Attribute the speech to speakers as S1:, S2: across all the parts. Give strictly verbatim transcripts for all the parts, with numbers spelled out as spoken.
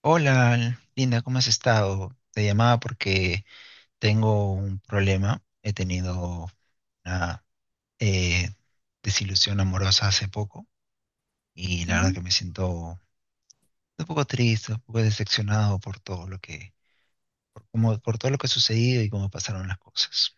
S1: Hola, Linda, ¿cómo has estado? Te llamaba porque tengo un problema. He tenido una eh, desilusión amorosa hace poco y la verdad que me siento un poco triste, un poco decepcionado por todo lo que, por, cómo- por todo lo que ha sucedido y cómo pasaron las cosas.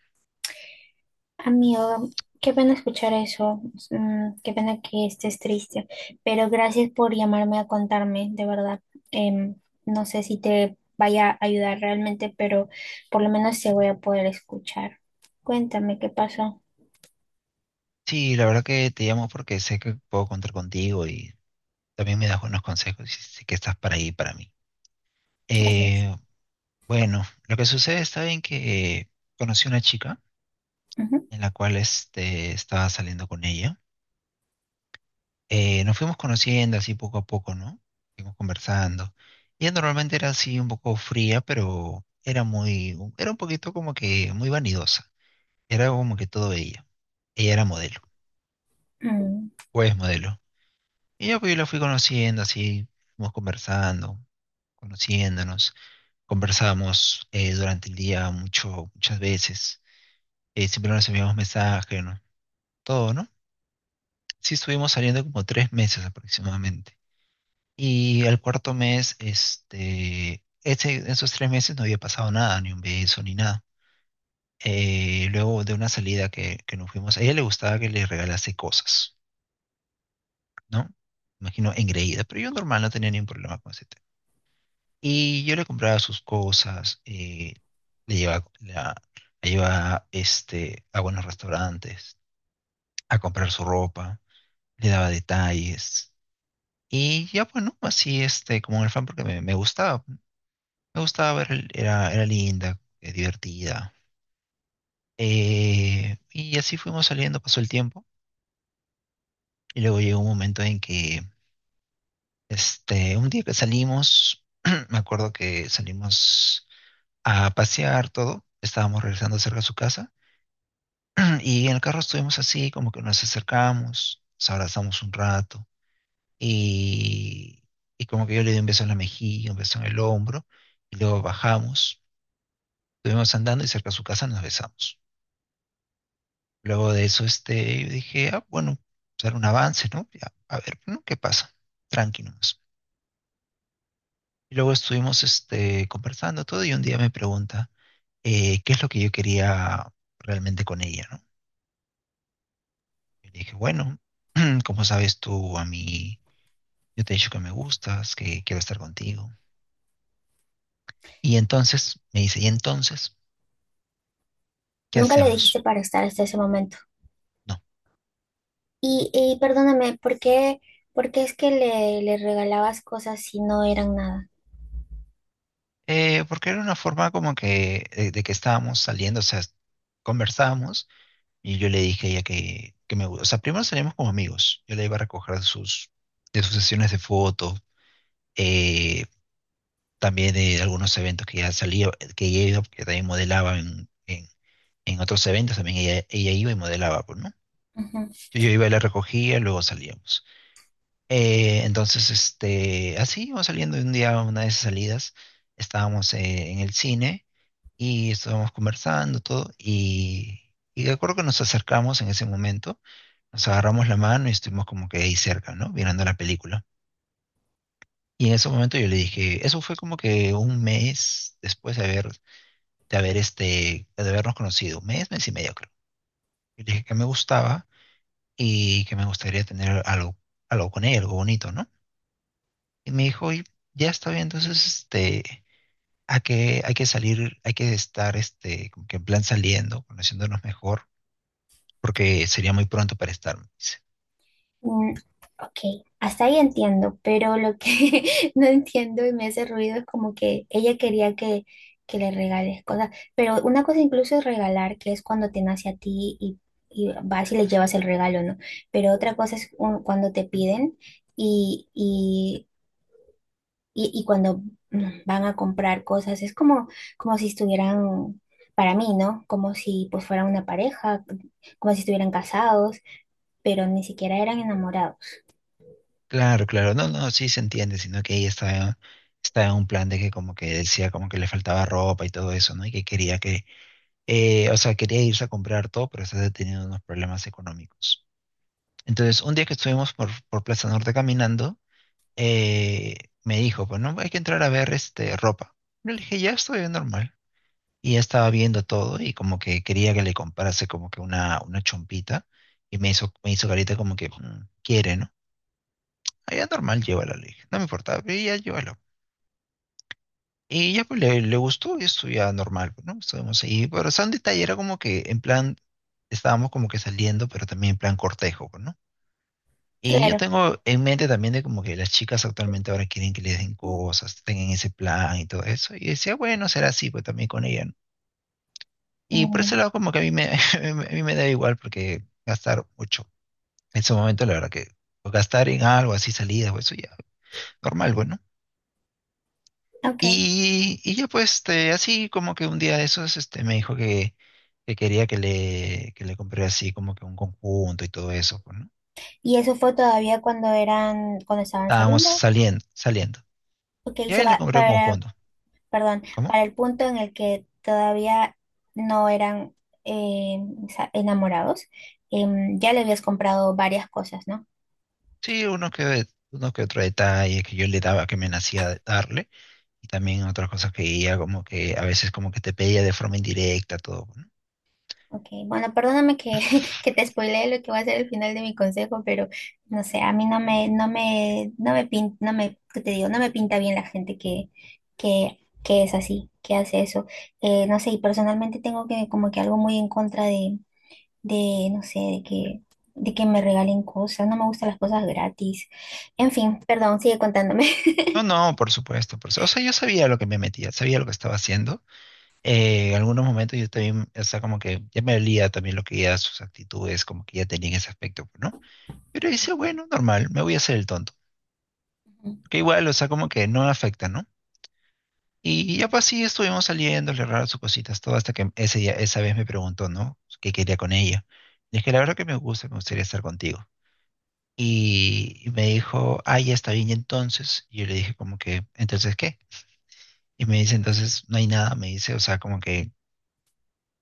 S2: Amigo, qué pena escuchar eso, mm, qué pena que estés triste, pero gracias por llamarme a contarme, de verdad. Em, no sé si te vaya a ayudar realmente, pero por lo menos te voy a poder escuchar. Cuéntame qué pasó.
S1: Sí, la verdad que te llamo porque sé que puedo contar contigo y también me das buenos consejos y sé que estás para ahí para mí.
S2: Gracias.
S1: Eh, bueno, lo que sucede está bien que eh, conocí una chica
S2: Ujú.
S1: en la cual este, estaba saliendo con ella. Eh, nos fuimos conociendo así poco a poco, ¿no? Fuimos conversando. Ella normalmente era así un poco fría, pero era muy, era un poquito como que muy vanidosa. Era como que todo ella. Ella era modelo,
S2: Mm.
S1: o es modelo. Y yo, pues, yo la fui conociendo así, fuimos conversando, conociéndonos. Conversábamos eh, durante el día mucho, muchas veces. Eh, siempre nos enviamos mensajes, ¿no? Todo, ¿no? Sí, estuvimos saliendo como tres meses aproximadamente. Y el cuarto mes, este, ese, esos tres meses no había pasado nada, ni un beso, ni nada. Eh, luego de una salida que, que nos fuimos, a ella le gustaba que le regalase cosas, ¿no? Imagino engreída, pero yo normal no tenía ningún problema con ese tema. Y yo le compraba sus cosas, eh, le llevaba, la, la llevaba este, a buenos restaurantes, a comprar su ropa, le daba detalles. Y ya, bueno, así, este, como un fan, porque me, me gustaba. Me gustaba ver, el- era, era linda, eh, divertida. Eh, y así fuimos saliendo, pasó el tiempo. Y luego llegó un momento en que, este, un día que salimos, me acuerdo que salimos a pasear todo. Estábamos regresando cerca de su casa. Y en el carro estuvimos así, como que nos acercamos, nos abrazamos un rato. Y, y como que yo le di un beso en la mejilla, un beso en el hombro. Y luego bajamos, estuvimos andando y cerca de su casa nos besamos. Luego de eso, este, dije, ah, bueno, pues, dar un avance, ¿no? Ya, a ver, ¿no? ¿Qué pasa? Tranqui nomás. Y luego estuvimos, este, conversando todo y un día me pregunta, eh, ¿qué es lo que yo quería realmente con ella, ¿no? Y le dije, bueno, como sabes tú a mí, yo te he dicho que me gustas, que quiero estar contigo. Y entonces, me dice, ¿y entonces qué
S2: Nunca le dijiste
S1: hacemos?
S2: para estar hasta ese momento.
S1: No.
S2: Y, y perdóname, ¿por qué, por qué, es que le, le regalabas cosas si no eran nada?
S1: Eh, porque era una forma como que, eh, de que estábamos saliendo, o sea, conversábamos. Y yo le dije a ella que, que me gusta. O sea, primero salimos como amigos. Yo la iba a recoger de sus, de sus, sesiones de fotos, eh, también de algunos eventos que ella salía, que ella iba, porque también modelaba en, en, en otros eventos, también ella, ella iba y modelaba, pues, ¿no?
S2: Ujú.
S1: Yo, yo iba y la recogía, luego salíamos. Eh, entonces, este, así íbamos saliendo y un día, una de esas salidas, estábamos eh, en el cine y estábamos conversando todo y, y de acuerdo que nos acercamos en ese momento. Nos agarramos la mano y estuvimos como que ahí cerca, ¿no? Mirando la película. Y en ese momento yo le dije, eso fue como que un mes después de haber, de haber este, de habernos conocido, un mes, mes y medio creo. Yo le dije que me gustaba y que me gustaría tener algo, algo con ella, algo bonito, ¿no? Y me dijo, y ya está bien, entonces este, hay que, hay que salir, hay que estar este, como que en plan saliendo, conociéndonos mejor, porque sería muy pronto para estar.
S2: Mm, ok, hasta ahí entiendo, pero lo que no entiendo y me hace ruido es como que ella quería que, que le regales cosas, pero una cosa incluso es regalar, que es cuando te nace a ti y, y vas y le llevas el regalo, ¿no? Pero otra cosa es un- cuando te piden y, y, y, y cuando mm, van a comprar cosas, es como, como si estuvieran, para mí, ¿no? Como si pues fueran una pareja, como si estuvieran casados, pero ni siquiera eran enamorados.
S1: Claro, claro, no, no, sí se entiende, sino que ella estaba, estaba en un plan de que como que decía como que le faltaba ropa y todo eso, ¿no? Y que quería que, eh, o sea, quería irse a comprar todo, pero estaba teniendo unos problemas económicos. Entonces, un día que estuvimos por, por Plaza Norte caminando, eh, me dijo, pues no, hay que entrar a ver este ropa. Yo le dije, ya estoy bien normal. Y ella estaba viendo todo y como que quería que le comprase como que una, una chompita y me hizo, me hizo carita como que "Mm, quiere, ¿no? Allá normal lleva la ley no me importa, ella llévalo. Y ya pues le, le gustó y esto ya normal, pues, ¿no? Estuvimos ahí, pero o sea, un detalle era como que en plan, estábamos como que saliendo, pero también en plan cortejo, pues, ¿no? Y yo
S2: Claro.
S1: tengo en mente también de como que las chicas actualmente ahora quieren que les den cosas, tengan ese plan y todo eso. Y decía, bueno, será así, pues también con ella, ¿no? Y por
S2: Mm,
S1: ese lado como que a mí me, a mí me da igual porque gastar mucho. En su momento, la verdad que pues, gastar en algo así, salidas o eso ya, normal, bueno.
S2: ok.
S1: Y, y ya pues, este, así como que un día de esos, este, me dijo que, que quería que le, que le compré así como que un conjunto y todo eso, pues, ¿no?
S2: ¿Y eso fue todavía cuando eran, cuando estaban
S1: Estábamos
S2: saliendo?
S1: saliendo, saliendo.
S2: Ok,
S1: Y
S2: eso
S1: ahí le
S2: va
S1: compré un
S2: para,
S1: conjunto.
S2: perdón,
S1: ¿Cómo?
S2: para el punto en el que todavía no eran eh, sa- enamorados. Em, ya le habías comprado varias cosas, ¿no?
S1: Sí, uno que, uno que otro detalle que yo le daba, que me nacía de darle. Y también otras cosas que ella como que a veces como que te pedía de forma indirecta todo, pues, ¿no?
S2: Ok, bueno, perdóname que, que te spoileé lo que va a ser el final de mi consejo, pero no sé, a mí no me, no me, no me pinta, no me, ¿qué te digo? No me pinta bien la gente que, que, que es así, que hace eso. Eh, no sé, y personalmente tengo que, como que algo muy en contra de, de, no sé, de que, de que me regalen cosas, no me gustan las cosas gratis. En fin, perdón, sigue contándome.
S1: No, no, por supuesto, por su- O sea, yo sabía lo que me metía, sabía lo que estaba haciendo. eh, en algunos momentos yo también, o sea, como que ya me olía también lo que ya sus actitudes, como que ya tenían ese aspecto, pues, ¿no? Pero
S2: Ok,
S1: dice, bueno, normal, me voy a hacer el tonto.
S2: ujú,
S1: Que igual, o sea, como que no afecta, ¿no? Y ya
S2: ok.
S1: pues sí, estuvimos saliendo, le raro sus cositas, todo hasta que ese día, esa vez me preguntó, ¿no? ¿Qué quería con ella? Le dije, la verdad que me gusta, me gustaría estar contigo. Y, y me dijo, ah, ya está bien, y entonces, y yo le dije como que, ¿entonces qué? Y me dice, entonces no hay nada, me dice, o sea, como que,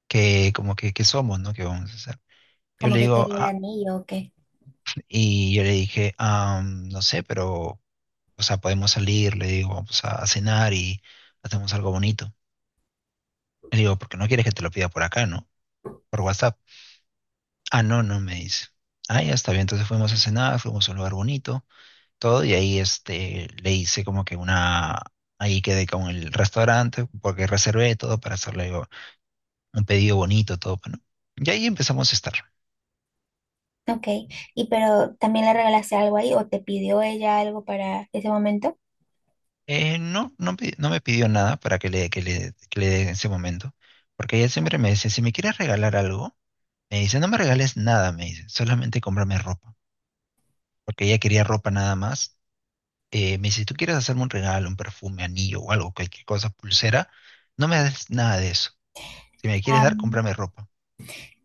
S1: que como que, ¿qué somos, no? ¿Qué vamos a hacer? Yo
S2: Como
S1: le
S2: que
S1: digo,
S2: quería el
S1: ah,
S2: anillo, ok.
S1: y yo le dije, ah, no sé, pero, o sea, podemos salir, le digo, vamos a, a cenar y hacemos algo bonito. Le digo, porque no quieres que te lo pida por acá, ¿no? Por WhatsApp. Ah, no, no, me dice. Ah, ya está bien. Entonces fuimos a cenar, fuimos a un lugar bonito, todo, y ahí este, le hice como que una, ahí quedé con el restaurante, porque reservé todo para hacerle un pedido bonito, todo, ¿no? Y ahí empezamos a estar.
S2: Ok, y pero también le regalaste algo ahí o te pidió ella algo para ese momento.
S1: Eh, no, no, pi- no me pidió nada para que le, que le, que le dé en ese momento, porque ella siempre me dice, si me quieres regalar algo, me dice, no me regales nada, me dice, solamente cómprame ropa, porque ella quería ropa nada más. Eh, me dice, si tú quieres hacerme un regalo, un perfume, anillo o algo, cualquier cosa, pulsera, no me des nada de eso. Si me quieres dar,
S2: Am,
S1: cómprame ropa.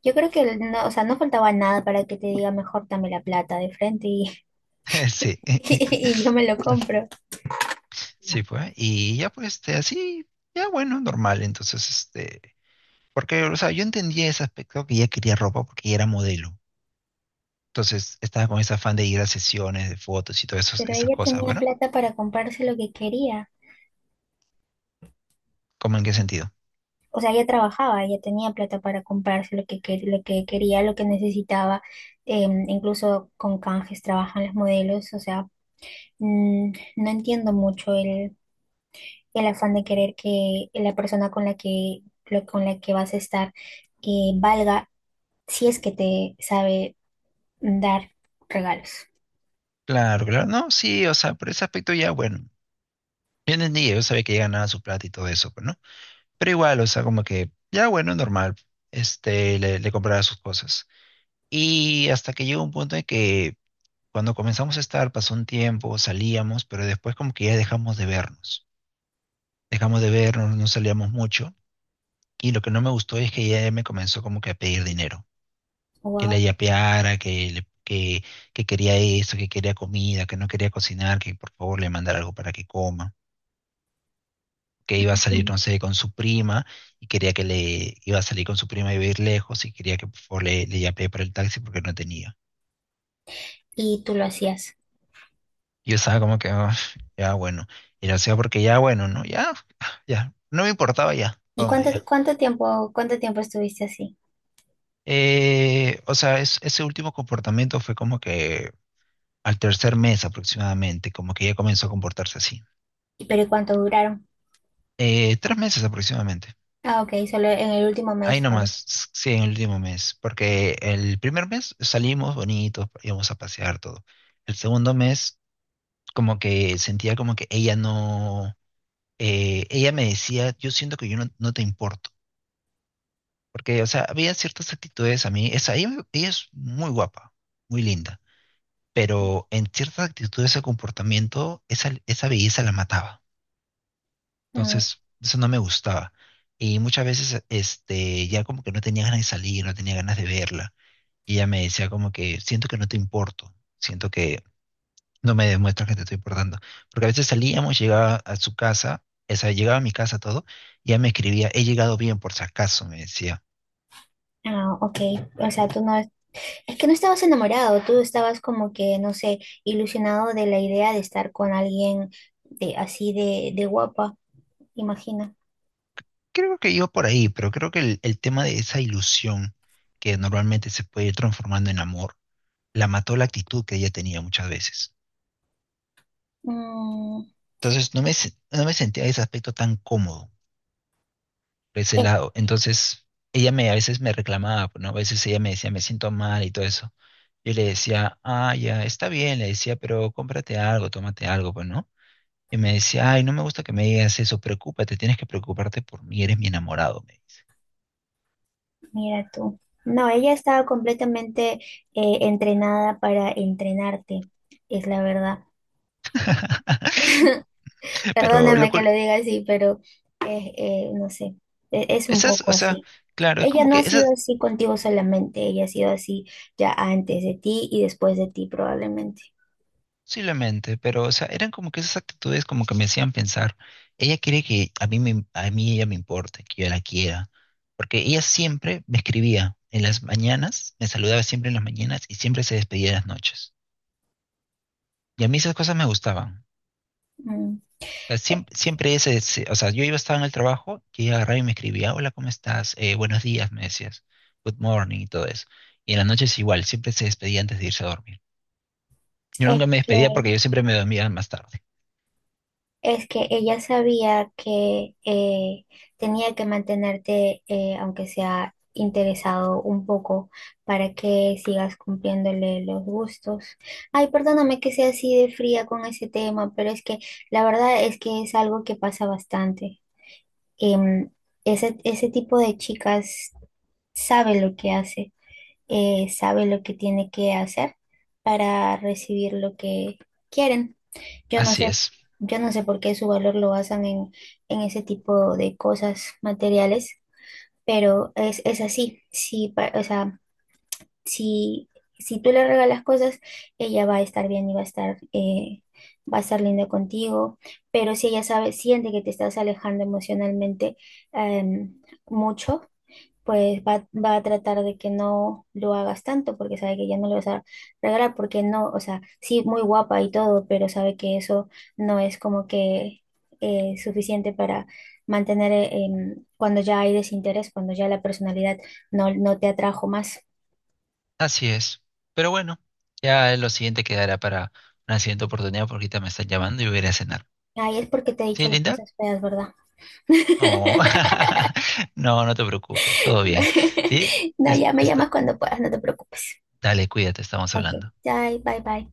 S2: yo creo que no, o sea, no faltaba nada para que te diga mejor dame la plata de frente y,
S1: Sí,
S2: y, yo me lo compro.
S1: sí, pues. Y ya pues, este, así, ya bueno, normal. Entonces, este, porque, o sea, yo entendía ese aspecto que ella quería ropa porque ella era modelo. Entonces, estaba con ese afán de ir a sesiones de fotos y todas esas,
S2: Pero
S1: esas
S2: ella
S1: cosas,
S2: tenía
S1: bueno.
S2: plata para comprarse lo que quería.
S1: ¿Cómo en qué sentido?
S2: O sea, ella trabajaba, ella tenía plata para comprarse lo que, quer- lo que quería, lo que necesitaba. Em, incluso con canjes trabajan los modelos. O sea, mm, no entiendo mucho el afán de querer que la persona con la que, lo- con la que vas a estar eh, valga si es que te sabe dar regalos.
S1: Claro, claro, no, sí, o sea, por ese aspecto ya, bueno, yo entendí, yo sabía que ya ganaba su plata y todo eso, pues, ¿no? Pero igual, o sea, como que, ya, bueno, normal, este, le, le compraba sus cosas. Y hasta que llegó un punto en que cuando comenzamos a estar, pasó un tiempo, salíamos, pero después como que ya dejamos de vernos, dejamos de vernos, no salíamos mucho, y lo que no me gustó es que ella me comenzó como que a pedir dinero. Que la
S2: Wow.
S1: yapeara, que, le- que, que quería eso, que quería comida, que no quería cocinar, que por favor le mandara algo para que coma, que iba a salir, no sé, con su prima y quería que le iba a salir con su prima y iba a ir lejos y quería que por favor le, le yapee para el taxi porque no tenía.
S2: Y tú lo hacías.
S1: Yo estaba como que, "Ah, ya bueno, y lo hacía porque ya bueno, ¿no? Ya, ya, no me importaba ya,
S2: ¿Y
S1: toma
S2: cuánto,
S1: ya.
S2: cuánto tiempo, cuánto tiempo estuviste así?
S1: Eh, o sea, es- ese último comportamiento fue como que al tercer mes aproximadamente, como que ya comenzó a comportarse así.
S2: ¿Y pero cuánto duraron?
S1: Eh, tres meses aproximadamente.
S2: Ah, ok, solo en el último
S1: Ahí
S2: mes fue.
S1: nomás, sí, en el último mes. Porque el primer mes salimos bonitos, íbamos a pasear todo. El segundo mes, como que sentía como que ella no. eh, ella me decía, yo siento que yo no, no te importo. Porque, o sea, había ciertas actitudes a mí. Esa, ella, ella es muy guapa, muy linda. Pero en ciertas actitudes, ese comportamiento, esa, esa belleza la mataba.
S2: Mm.
S1: Entonces, eso no me gustaba. Y muchas veces, este, ya como que no tenía ganas de salir, no tenía ganas de verla. Y ella me decía como que siento que no te importo, siento que no me demuestras que te estoy importando. Porque a veces salíamos, llegaba a su casa, o sea, llegaba a mi casa todo, y ella me escribía, he llegado bien por si acaso, me decía.
S2: Ah, ok. O sea, tú no, es que no estabas enamorado, tú estabas como que, no sé, ilusionado de la idea de estar con alguien de así de, de guapa, imagina.
S1: Creo que iba por ahí, pero creo que el, el tema de esa ilusión que normalmente se puede ir transformando en amor, la mató la actitud que ella tenía muchas veces. Entonces no me, se- no me sentía en ese aspecto tan cómodo por ese
S2: Eh,
S1: lado. Entonces, ella me, a veces me reclamaba, pues, ¿no? A veces ella me decía, me siento mal y todo eso. Yo le decía, ah, ya, está bien, le decía, pero cómprate algo, tómate algo, pues, ¿no? Y me decía, ay, no me gusta que me digas eso, preocúpate, tienes que preocuparte por mí, eres mi enamorado, me dice.
S2: mira tú. No, ella estaba completamente eh, entrenada para entrenarte, es la verdad.
S1: Pero lo
S2: Perdóname que
S1: cur-
S2: lo diga así, pero eh, eh, no sé, e- es un
S1: esas,
S2: poco
S1: o sea,
S2: así.
S1: claro, es
S2: Ella
S1: como
S2: no
S1: que
S2: ha
S1: esa.
S2: sido así contigo solamente, ella ha sido así ya antes de ti y después de ti probablemente.
S1: Posiblemente, pero o sea, eran como que esas actitudes como que me hacían pensar, ella quiere que a mí me, a mí ella me importe, que yo la quiera, porque ella siempre me escribía en las mañanas, me saludaba siempre en las mañanas y siempre se despedía en las noches. Y a mí esas cosas me gustaban.
S2: Mm,
S1: O sea,
S2: e-,
S1: siem- siempre, ese, se- o sea, yo iba estaba en el trabajo y ella agarraba y me escribía, hola, ¿cómo estás? Eh, buenos días, me decías, good morning y todo eso. Y en las noches igual, siempre se despedía antes de irse a dormir. Yo
S2: Es
S1: nunca me
S2: que
S1: despedía porque yo siempre me dormía más tarde.
S2: Es que ella sabía que eh, tenía que mantenerte, eh, aunque sea interesado un poco, para que sigas cumpliéndole los gustos. Ay, perdóname que sea así de fría con ese tema, pero es que la verdad es que es algo que pasa bastante. Em, ese, ese tipo de chicas sabe lo que hace, eh, sabe lo que tiene que hacer para recibir lo que quieren. Yo no
S1: Así
S2: sé,
S1: es.
S2: yo no sé por qué su valor lo basan en, en, ese tipo de cosas materiales, pero es, es así. Si, pa- o sea, si, si tú le regalas cosas, ella va a estar bien y va a estar, eh, va a estar linda contigo, pero si ella sabe, siente que te estás alejando emocionalmente, em, mucho, pues va, va a tratar de que no lo hagas tanto porque sabe que ya no le vas a regalar, porque no, o sea, sí, muy guapa y todo, pero sabe que eso no es como que eh, suficiente para mantener eh, em, cuando ya hay desinterés, cuando ya la personalidad no, no te atrajo más.
S1: Así es. Pero bueno, ya lo siguiente quedará para una siguiente oportunidad porque ahorita me están llamando y voy a ir a cenar.
S2: Ay, es porque te he dicho
S1: ¿Sí,
S2: las
S1: Linda?
S2: cosas feas, ¿verdad?
S1: No, no, no te preocupes, todo bien. Sí,
S2: No,
S1: es-
S2: ya me llamas
S1: está-
S2: cuando puedas, no te preocupes.
S1: dale, cuídate, estamos
S2: Ok,
S1: hablando.
S2: bye, bye, bye.